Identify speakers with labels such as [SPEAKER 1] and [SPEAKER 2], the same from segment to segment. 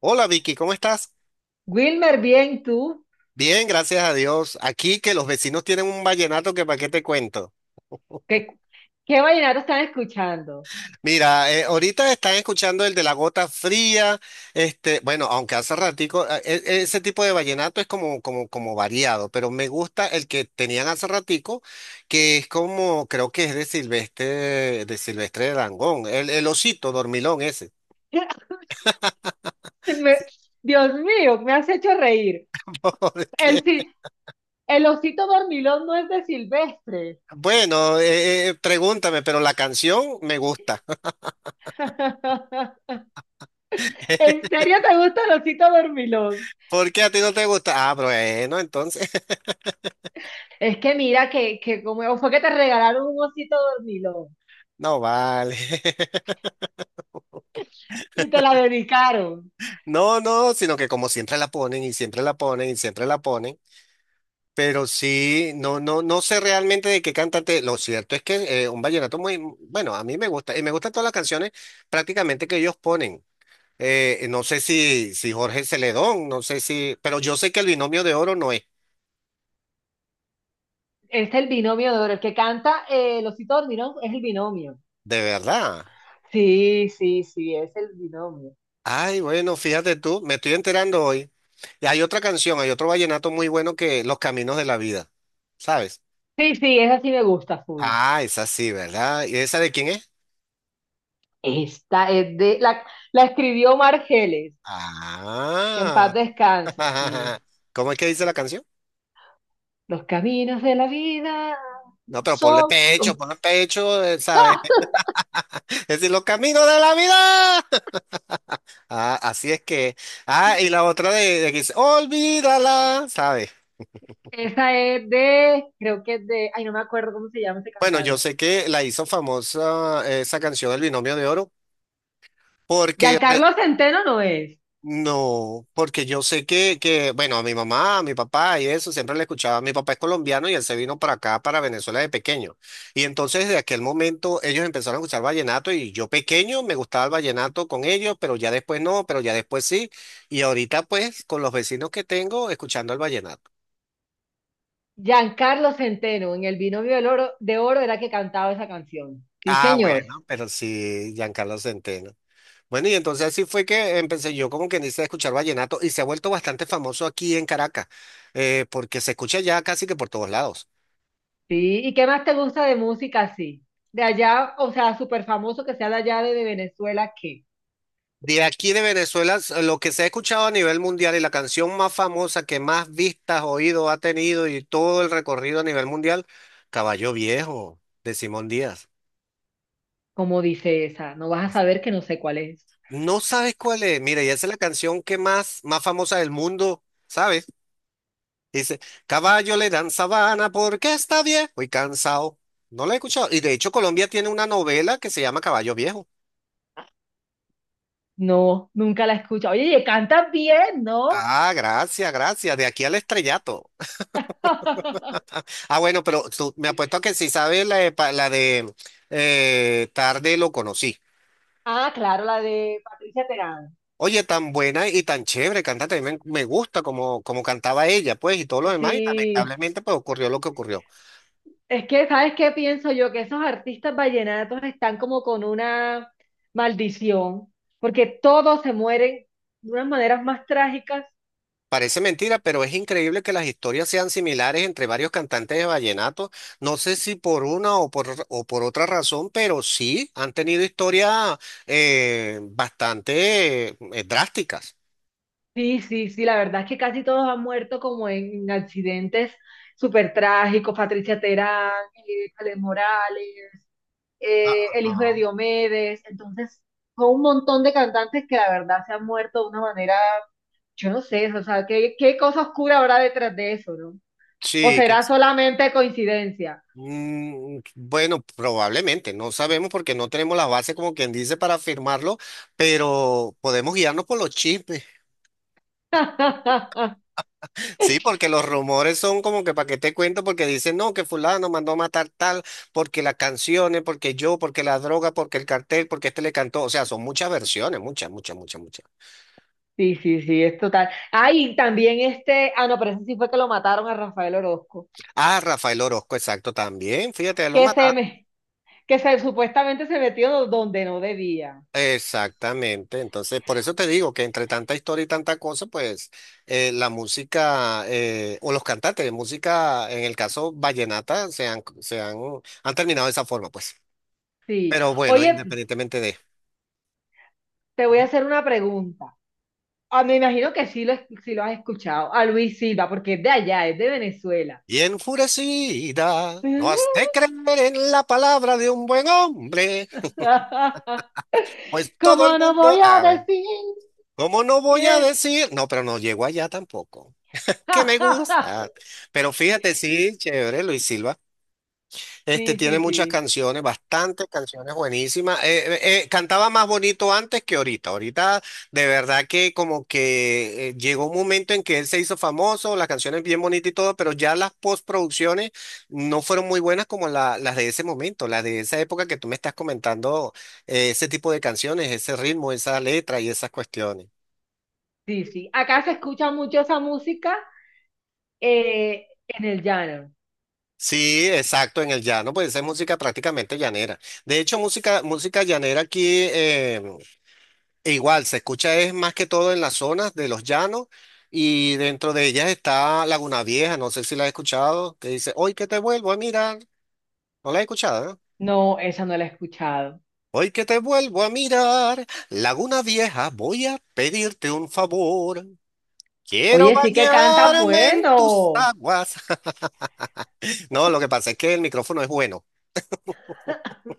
[SPEAKER 1] Hola Vicky, ¿cómo estás?
[SPEAKER 2] Wilmer, bien, ¿tú?
[SPEAKER 1] Bien, gracias a Dios. Aquí que los vecinos tienen un vallenato que para qué te cuento.
[SPEAKER 2] ¿Qué, qué vallenato están escuchando?
[SPEAKER 1] Mira, ahorita están escuchando el de la gota fría, este, bueno, aunque hace ratico, ese tipo de vallenato es como variado, pero me gusta el que tenían hace ratico, que es como, creo que es de Silvestre Dangond, el osito dormilón ese.
[SPEAKER 2] Me- Dios mío, me has hecho reír.
[SPEAKER 1] Porque,
[SPEAKER 2] El, si- el osito dormilón no es de Silvestre.
[SPEAKER 1] bueno, pregúntame, pero la canción me gusta.
[SPEAKER 2] ¿En serio te gusta el osito dormilón?
[SPEAKER 1] ¿Por qué a ti no te gusta? Ah, bueno, entonces,
[SPEAKER 2] Es que mira que como fue que te regalaron un osito dormilón
[SPEAKER 1] no vale.
[SPEAKER 2] y te la dedicaron.
[SPEAKER 1] No, no, sino que como siempre la ponen y siempre la ponen y siempre la ponen. Pero sí, no sé realmente de qué cantante. Lo cierto es que un vallenato muy, bueno, a mí me gusta y me gustan todas las canciones prácticamente que ellos ponen. No sé si Jorge Celedón, no sé si, pero yo sé que el binomio de oro no es,
[SPEAKER 2] Es el binomio de oro. El que canta el osito dormilón es el binomio.
[SPEAKER 1] de verdad.
[SPEAKER 2] Sí, sí, sí, es el binomio.
[SPEAKER 1] Ay, bueno, fíjate tú, me estoy enterando hoy. Y hay otra canción, hay otro vallenato muy bueno que Los Caminos de la Vida, ¿sabes?
[SPEAKER 2] Sí, sí, esa sí me gusta, full.
[SPEAKER 1] Ah, esa sí, ¿verdad? ¿Y esa de quién es?
[SPEAKER 2] Esta es la escribió Margeles, que en paz
[SPEAKER 1] Ah.
[SPEAKER 2] descanse, sí.
[SPEAKER 1] ¿Cómo es que dice la canción?
[SPEAKER 2] Los caminos de la vida
[SPEAKER 1] No, pero
[SPEAKER 2] son...
[SPEAKER 1] ponle pecho, ¿sabes?
[SPEAKER 2] ¡Ah!
[SPEAKER 1] Es decir, los caminos de la vida. Ah, así es que. Ah, y la otra de que dice, olvídala, ¿sabes?
[SPEAKER 2] Esa es creo que es de, ay, no me acuerdo cómo se llama ese
[SPEAKER 1] Bueno, yo
[SPEAKER 2] cantante.
[SPEAKER 1] sé que la hizo famosa esa canción El Binomio de Oro, porque
[SPEAKER 2] Giancarlo Centeno no es.
[SPEAKER 1] no, porque yo sé bueno, a mi mamá, a mi papá y eso, siempre le escuchaba. Mi papá es colombiano y él se vino para acá, para Venezuela de pequeño. Y entonces, de aquel momento, ellos empezaron a escuchar vallenato y yo pequeño me gustaba el vallenato con ellos, pero ya después no, pero ya después sí. Y ahorita, pues, con los vecinos que tengo, escuchando el vallenato.
[SPEAKER 2] Giancarlo Centeno, en el binomio del oro, de oro era que cantaba esa canción. Sí,
[SPEAKER 1] Ah,
[SPEAKER 2] señor.
[SPEAKER 1] bueno, pero sí, Giancarlo Centeno. Bueno, y entonces así fue que empecé yo como que dice a escuchar vallenato y se ha vuelto bastante famoso aquí en Caracas, porque se escucha ya casi que por todos lados.
[SPEAKER 2] Sí. ¿Y qué más te gusta de música así? De allá, o sea, súper famoso que sea de allá de Venezuela, ¿qué?
[SPEAKER 1] De aquí de Venezuela, lo que se ha escuchado a nivel mundial y la canción más famosa que más vistas, oídos ha tenido y todo el recorrido a nivel mundial, Caballo Viejo, de Simón Díaz.
[SPEAKER 2] Como dice esa, no vas a saber que no sé cuál es.
[SPEAKER 1] No sabes cuál es. Mira, y esa es la canción que más famosa del mundo, ¿sabes? Dice, caballo le dan sabana porque está viejo y cansado. No la he escuchado. Y de hecho, Colombia tiene una novela que se llama Caballo Viejo.
[SPEAKER 2] No, nunca la he escuchado. Oye, ¿y cantas bien, ¿no?
[SPEAKER 1] Ah, gracias, gracias. De aquí al estrellato. Ah, bueno, pero me apuesto a que sí sabes la de, la de Tarde lo conocí.
[SPEAKER 2] Ah, claro, la de Patricia Terán.
[SPEAKER 1] Oye, tan buena y tan chévere cantante, a mí me gusta como, como cantaba ella, pues, y todo lo demás, y
[SPEAKER 2] Sí,
[SPEAKER 1] lamentablemente, pues, ocurrió lo que ocurrió.
[SPEAKER 2] es que, ¿sabes qué pienso yo? Que esos artistas vallenatos están como con una maldición, porque todos se mueren de unas maneras más trágicas.
[SPEAKER 1] Parece mentira, pero es increíble que las historias sean similares entre varios cantantes de vallenato. No sé si por una o o por otra razón, pero sí han tenido historias bastante drásticas.
[SPEAKER 2] Sí, sí, sí, la verdad es que casi todos han muerto como en accidentes súper trágicos. Patricia Terán, Ale Morales,
[SPEAKER 1] Ah,
[SPEAKER 2] el hijo de
[SPEAKER 1] ajá.
[SPEAKER 2] Diomedes, entonces son un montón de cantantes que la verdad se han muerto de una manera, yo no sé, o sea, ¿qué cosa oscura habrá detrás de eso, ¿no? ¿O
[SPEAKER 1] Sí,
[SPEAKER 2] será solamente coincidencia?
[SPEAKER 1] Bueno, probablemente, no sabemos porque no tenemos la base como quien dice para afirmarlo, pero podemos guiarnos por los chismes. Sí, porque los rumores son como que para qué te cuento, porque dicen, no, que fulano mandó a matar tal, porque las canciones, porque yo, porque la droga, porque el cartel, porque este le cantó. O sea, son muchas versiones, muchas, muchas, muchas, muchas.
[SPEAKER 2] Sí, sí, sí, es total. Ah, y también este, ah, no, pero ese sí fue que lo mataron a Rafael Orozco,
[SPEAKER 1] Ah, Rafael Orozco, exacto, también, fíjate, lo
[SPEAKER 2] que se
[SPEAKER 1] mataron.
[SPEAKER 2] me, que se supuestamente se metió donde no debía.
[SPEAKER 1] Exactamente, entonces por eso te digo que entre tanta historia y tanta cosa, pues la música o los cantantes de música, en el caso vallenata, han terminado de esa forma, pues.
[SPEAKER 2] Sí.
[SPEAKER 1] Pero bueno,
[SPEAKER 2] Oye,
[SPEAKER 1] independientemente de...
[SPEAKER 2] te voy a hacer una pregunta. Ah, me imagino que sí sí lo has escuchado. A Luis Silva, porque es de allá, es de Venezuela.
[SPEAKER 1] Y enfurecida, no has de creer en la palabra de un buen hombre, pues todo el
[SPEAKER 2] ¿Cómo no
[SPEAKER 1] mundo...
[SPEAKER 2] voy a
[SPEAKER 1] A ver,
[SPEAKER 2] decir
[SPEAKER 1] ¿cómo no voy a
[SPEAKER 2] que...
[SPEAKER 1] decir? No, pero no llego allá tampoco. Que me gusta. Pero fíjate, sí, chévere, Luis Silva. Este
[SPEAKER 2] Sí,
[SPEAKER 1] tiene
[SPEAKER 2] sí,
[SPEAKER 1] muchas
[SPEAKER 2] sí,
[SPEAKER 1] canciones, bastantes canciones buenísimas. Cantaba más bonito antes que ahorita. Ahorita de verdad que como que llegó un momento en que él se hizo famoso, las canciones bien bonitas y todo, pero ya las postproducciones no fueron muy buenas como las de ese momento, las de esa época que tú me estás comentando, ese tipo de canciones, ese ritmo, esa letra y esas cuestiones.
[SPEAKER 2] sí, sí. Acá se escucha mucho esa música en el llano.
[SPEAKER 1] Sí, exacto, en el llano, pues esa es música prácticamente llanera. De hecho, música llanera aquí, e igual, se escucha es más que todo en las zonas de los llanos y dentro de ellas está Laguna Vieja, no sé si la has escuchado, que dice, hoy que te vuelvo a mirar, no la he escuchado, ¿eh?
[SPEAKER 2] No, esa no la he escuchado.
[SPEAKER 1] Hoy que te vuelvo a mirar, Laguna Vieja, voy a pedirte un favor, quiero
[SPEAKER 2] Oye, sí que canta
[SPEAKER 1] bañarme en tus
[SPEAKER 2] bueno.
[SPEAKER 1] aguas. No, lo que pasa es que el micrófono es bueno.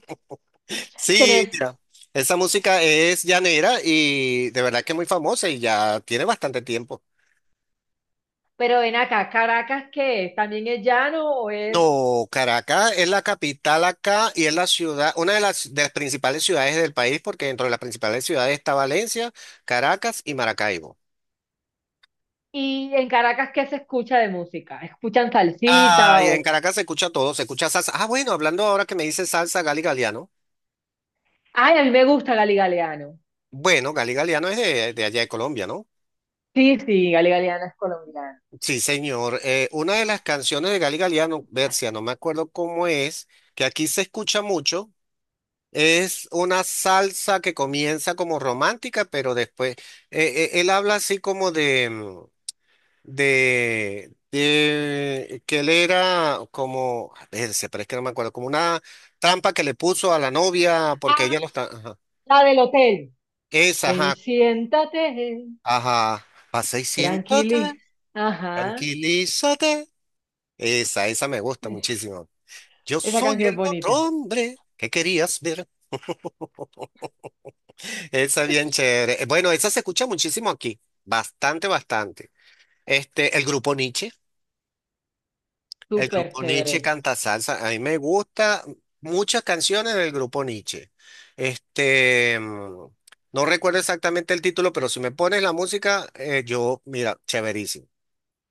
[SPEAKER 1] Sí,
[SPEAKER 2] Tener-
[SPEAKER 1] mira, esa música es llanera y de verdad que es muy famosa y ya tiene bastante tiempo.
[SPEAKER 2] Pero ven acá, ¿Caracas qué es? ¿También es llano o es...?
[SPEAKER 1] No, Caracas es la capital acá y es la ciudad, una de de las principales ciudades del país, porque dentro de las principales ciudades está Valencia, Caracas y Maracaibo.
[SPEAKER 2] ¿Y en Caracas qué se escucha de música? ¿Escuchan
[SPEAKER 1] Ah,
[SPEAKER 2] salsita
[SPEAKER 1] y en
[SPEAKER 2] o...?
[SPEAKER 1] Caracas se escucha todo, se escucha salsa. Ah, bueno, hablando ahora que me dice salsa, Gali Galiano.
[SPEAKER 2] Ay, a mí me gusta Gali Galeano.
[SPEAKER 1] Bueno, Gali Galiano es de allá de Colombia, ¿no?
[SPEAKER 2] Sí, sí, Gali Galeano es colombiana.
[SPEAKER 1] Sí, señor. Una de las canciones de Gali Galiano, Bercia, no me acuerdo cómo es, que aquí se escucha mucho. Es una salsa que comienza como romántica, pero después él habla así como de de que él era como, se pero es que no me acuerdo, como una trampa que le puso a la novia porque
[SPEAKER 2] Ah,
[SPEAKER 1] ella lo está, ajá.
[SPEAKER 2] la del hotel.
[SPEAKER 1] Esa,
[SPEAKER 2] Ven y
[SPEAKER 1] ajá,
[SPEAKER 2] siéntate,
[SPEAKER 1] ajá, pasa y siéntate,
[SPEAKER 2] tranquili. Ajá.
[SPEAKER 1] tranquilízate. Esa me gusta muchísimo. Yo
[SPEAKER 2] Esa
[SPEAKER 1] soy
[SPEAKER 2] canción es
[SPEAKER 1] el otro
[SPEAKER 2] bonita,
[SPEAKER 1] hombre que querías ver. Esa es bien chévere. Bueno, esa se escucha muchísimo aquí. Bastante, bastante. Este, el grupo Nietzsche. El
[SPEAKER 2] súper
[SPEAKER 1] grupo Nietzsche
[SPEAKER 2] chévere.
[SPEAKER 1] canta salsa. A mí me gusta muchas canciones del grupo Nietzsche. Este, no recuerdo exactamente el título, pero si me pones la música, yo, mira, chéverísimo.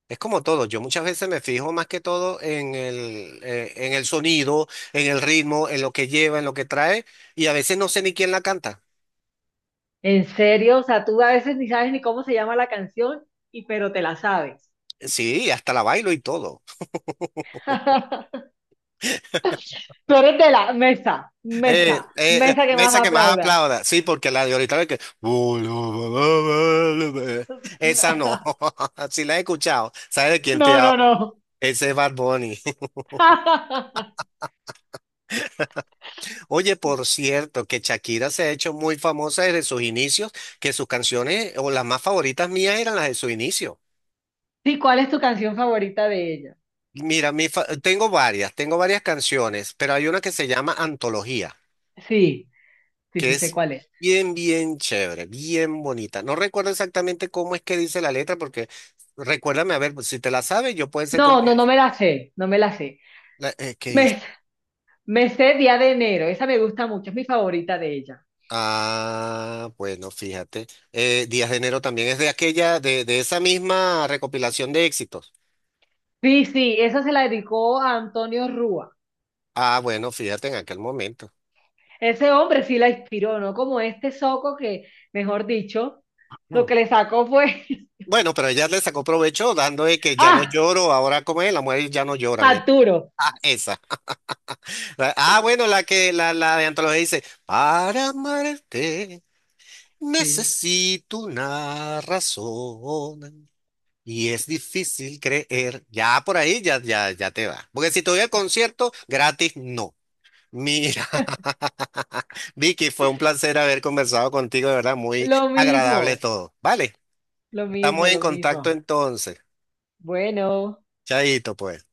[SPEAKER 1] Es como todo, yo muchas veces me fijo más que todo en el sonido, en el ritmo, en lo que lleva, en lo que trae, y a veces no sé ni quién la canta.
[SPEAKER 2] En serio, o sea, tú a veces ni sabes ni cómo se llama la canción, y pero te la sabes.
[SPEAKER 1] Sí, hasta la bailo y todo.
[SPEAKER 2] Tú eres de la mesa, mesa, mesa que más
[SPEAKER 1] Mesa que más
[SPEAKER 2] aplauda.
[SPEAKER 1] aplauda. Sí, porque la de ahorita ve que. Esa no. Si la he escuchado, ¿sabes de quién te
[SPEAKER 2] No, no,
[SPEAKER 1] hablo?
[SPEAKER 2] no.
[SPEAKER 1] Ese es Bad Bunny. Oye, por cierto, que Shakira se ha hecho muy famosa desde sus inicios, que sus canciones o las más favoritas mías eran las de su inicio.
[SPEAKER 2] Sí, ¿cuál es tu canción favorita de ella?
[SPEAKER 1] Mira, tengo varias canciones, pero hay una que se llama Antología.
[SPEAKER 2] Sí, sí,
[SPEAKER 1] Que
[SPEAKER 2] sí sé
[SPEAKER 1] es
[SPEAKER 2] cuál es.
[SPEAKER 1] bien, bien chévere, bien bonita. No recuerdo exactamente cómo es que dice la letra, porque recuérdame, a ver, pues, si te la sabes, yo puede ser que un
[SPEAKER 2] No, no, no me la sé, no me la sé.
[SPEAKER 1] que dice-
[SPEAKER 2] Me, me sé Día de Enero, esa me gusta mucho, es mi favorita de ella.
[SPEAKER 1] Ah, bueno, fíjate. Días de Enero también es de aquella, de esa misma recopilación de éxitos.
[SPEAKER 2] Sí, sí, esa se la dedicó a Antonio Rúa.
[SPEAKER 1] Ah, bueno, fíjate en aquel momento.
[SPEAKER 2] Ese hombre sí la inspiró, ¿no? Como este soco que, mejor dicho, lo
[SPEAKER 1] Mm.
[SPEAKER 2] que le sacó fue...
[SPEAKER 1] Bueno, pero ella le sacó provecho dando de que ya no
[SPEAKER 2] ¡Ah!
[SPEAKER 1] lloro, ahora como es, las mujeres ya no lloran. Eh.
[SPEAKER 2] Arturo.
[SPEAKER 1] Ah, esa. Ah, bueno, la que la de antología dice, para amarte.
[SPEAKER 2] Sí.
[SPEAKER 1] Necesito una razón y es difícil creer. Ya por ahí ya, ya, ya te va. Porque si te voy al concierto gratis, no. Mira, Vicky, fue un placer haber conversado contigo, de verdad, muy
[SPEAKER 2] Lo
[SPEAKER 1] agradable
[SPEAKER 2] mismo,
[SPEAKER 1] todo. Vale,
[SPEAKER 2] lo
[SPEAKER 1] estamos
[SPEAKER 2] mismo,
[SPEAKER 1] en
[SPEAKER 2] lo
[SPEAKER 1] contacto
[SPEAKER 2] mismo.
[SPEAKER 1] entonces.
[SPEAKER 2] Bueno.
[SPEAKER 1] Chaito, pues.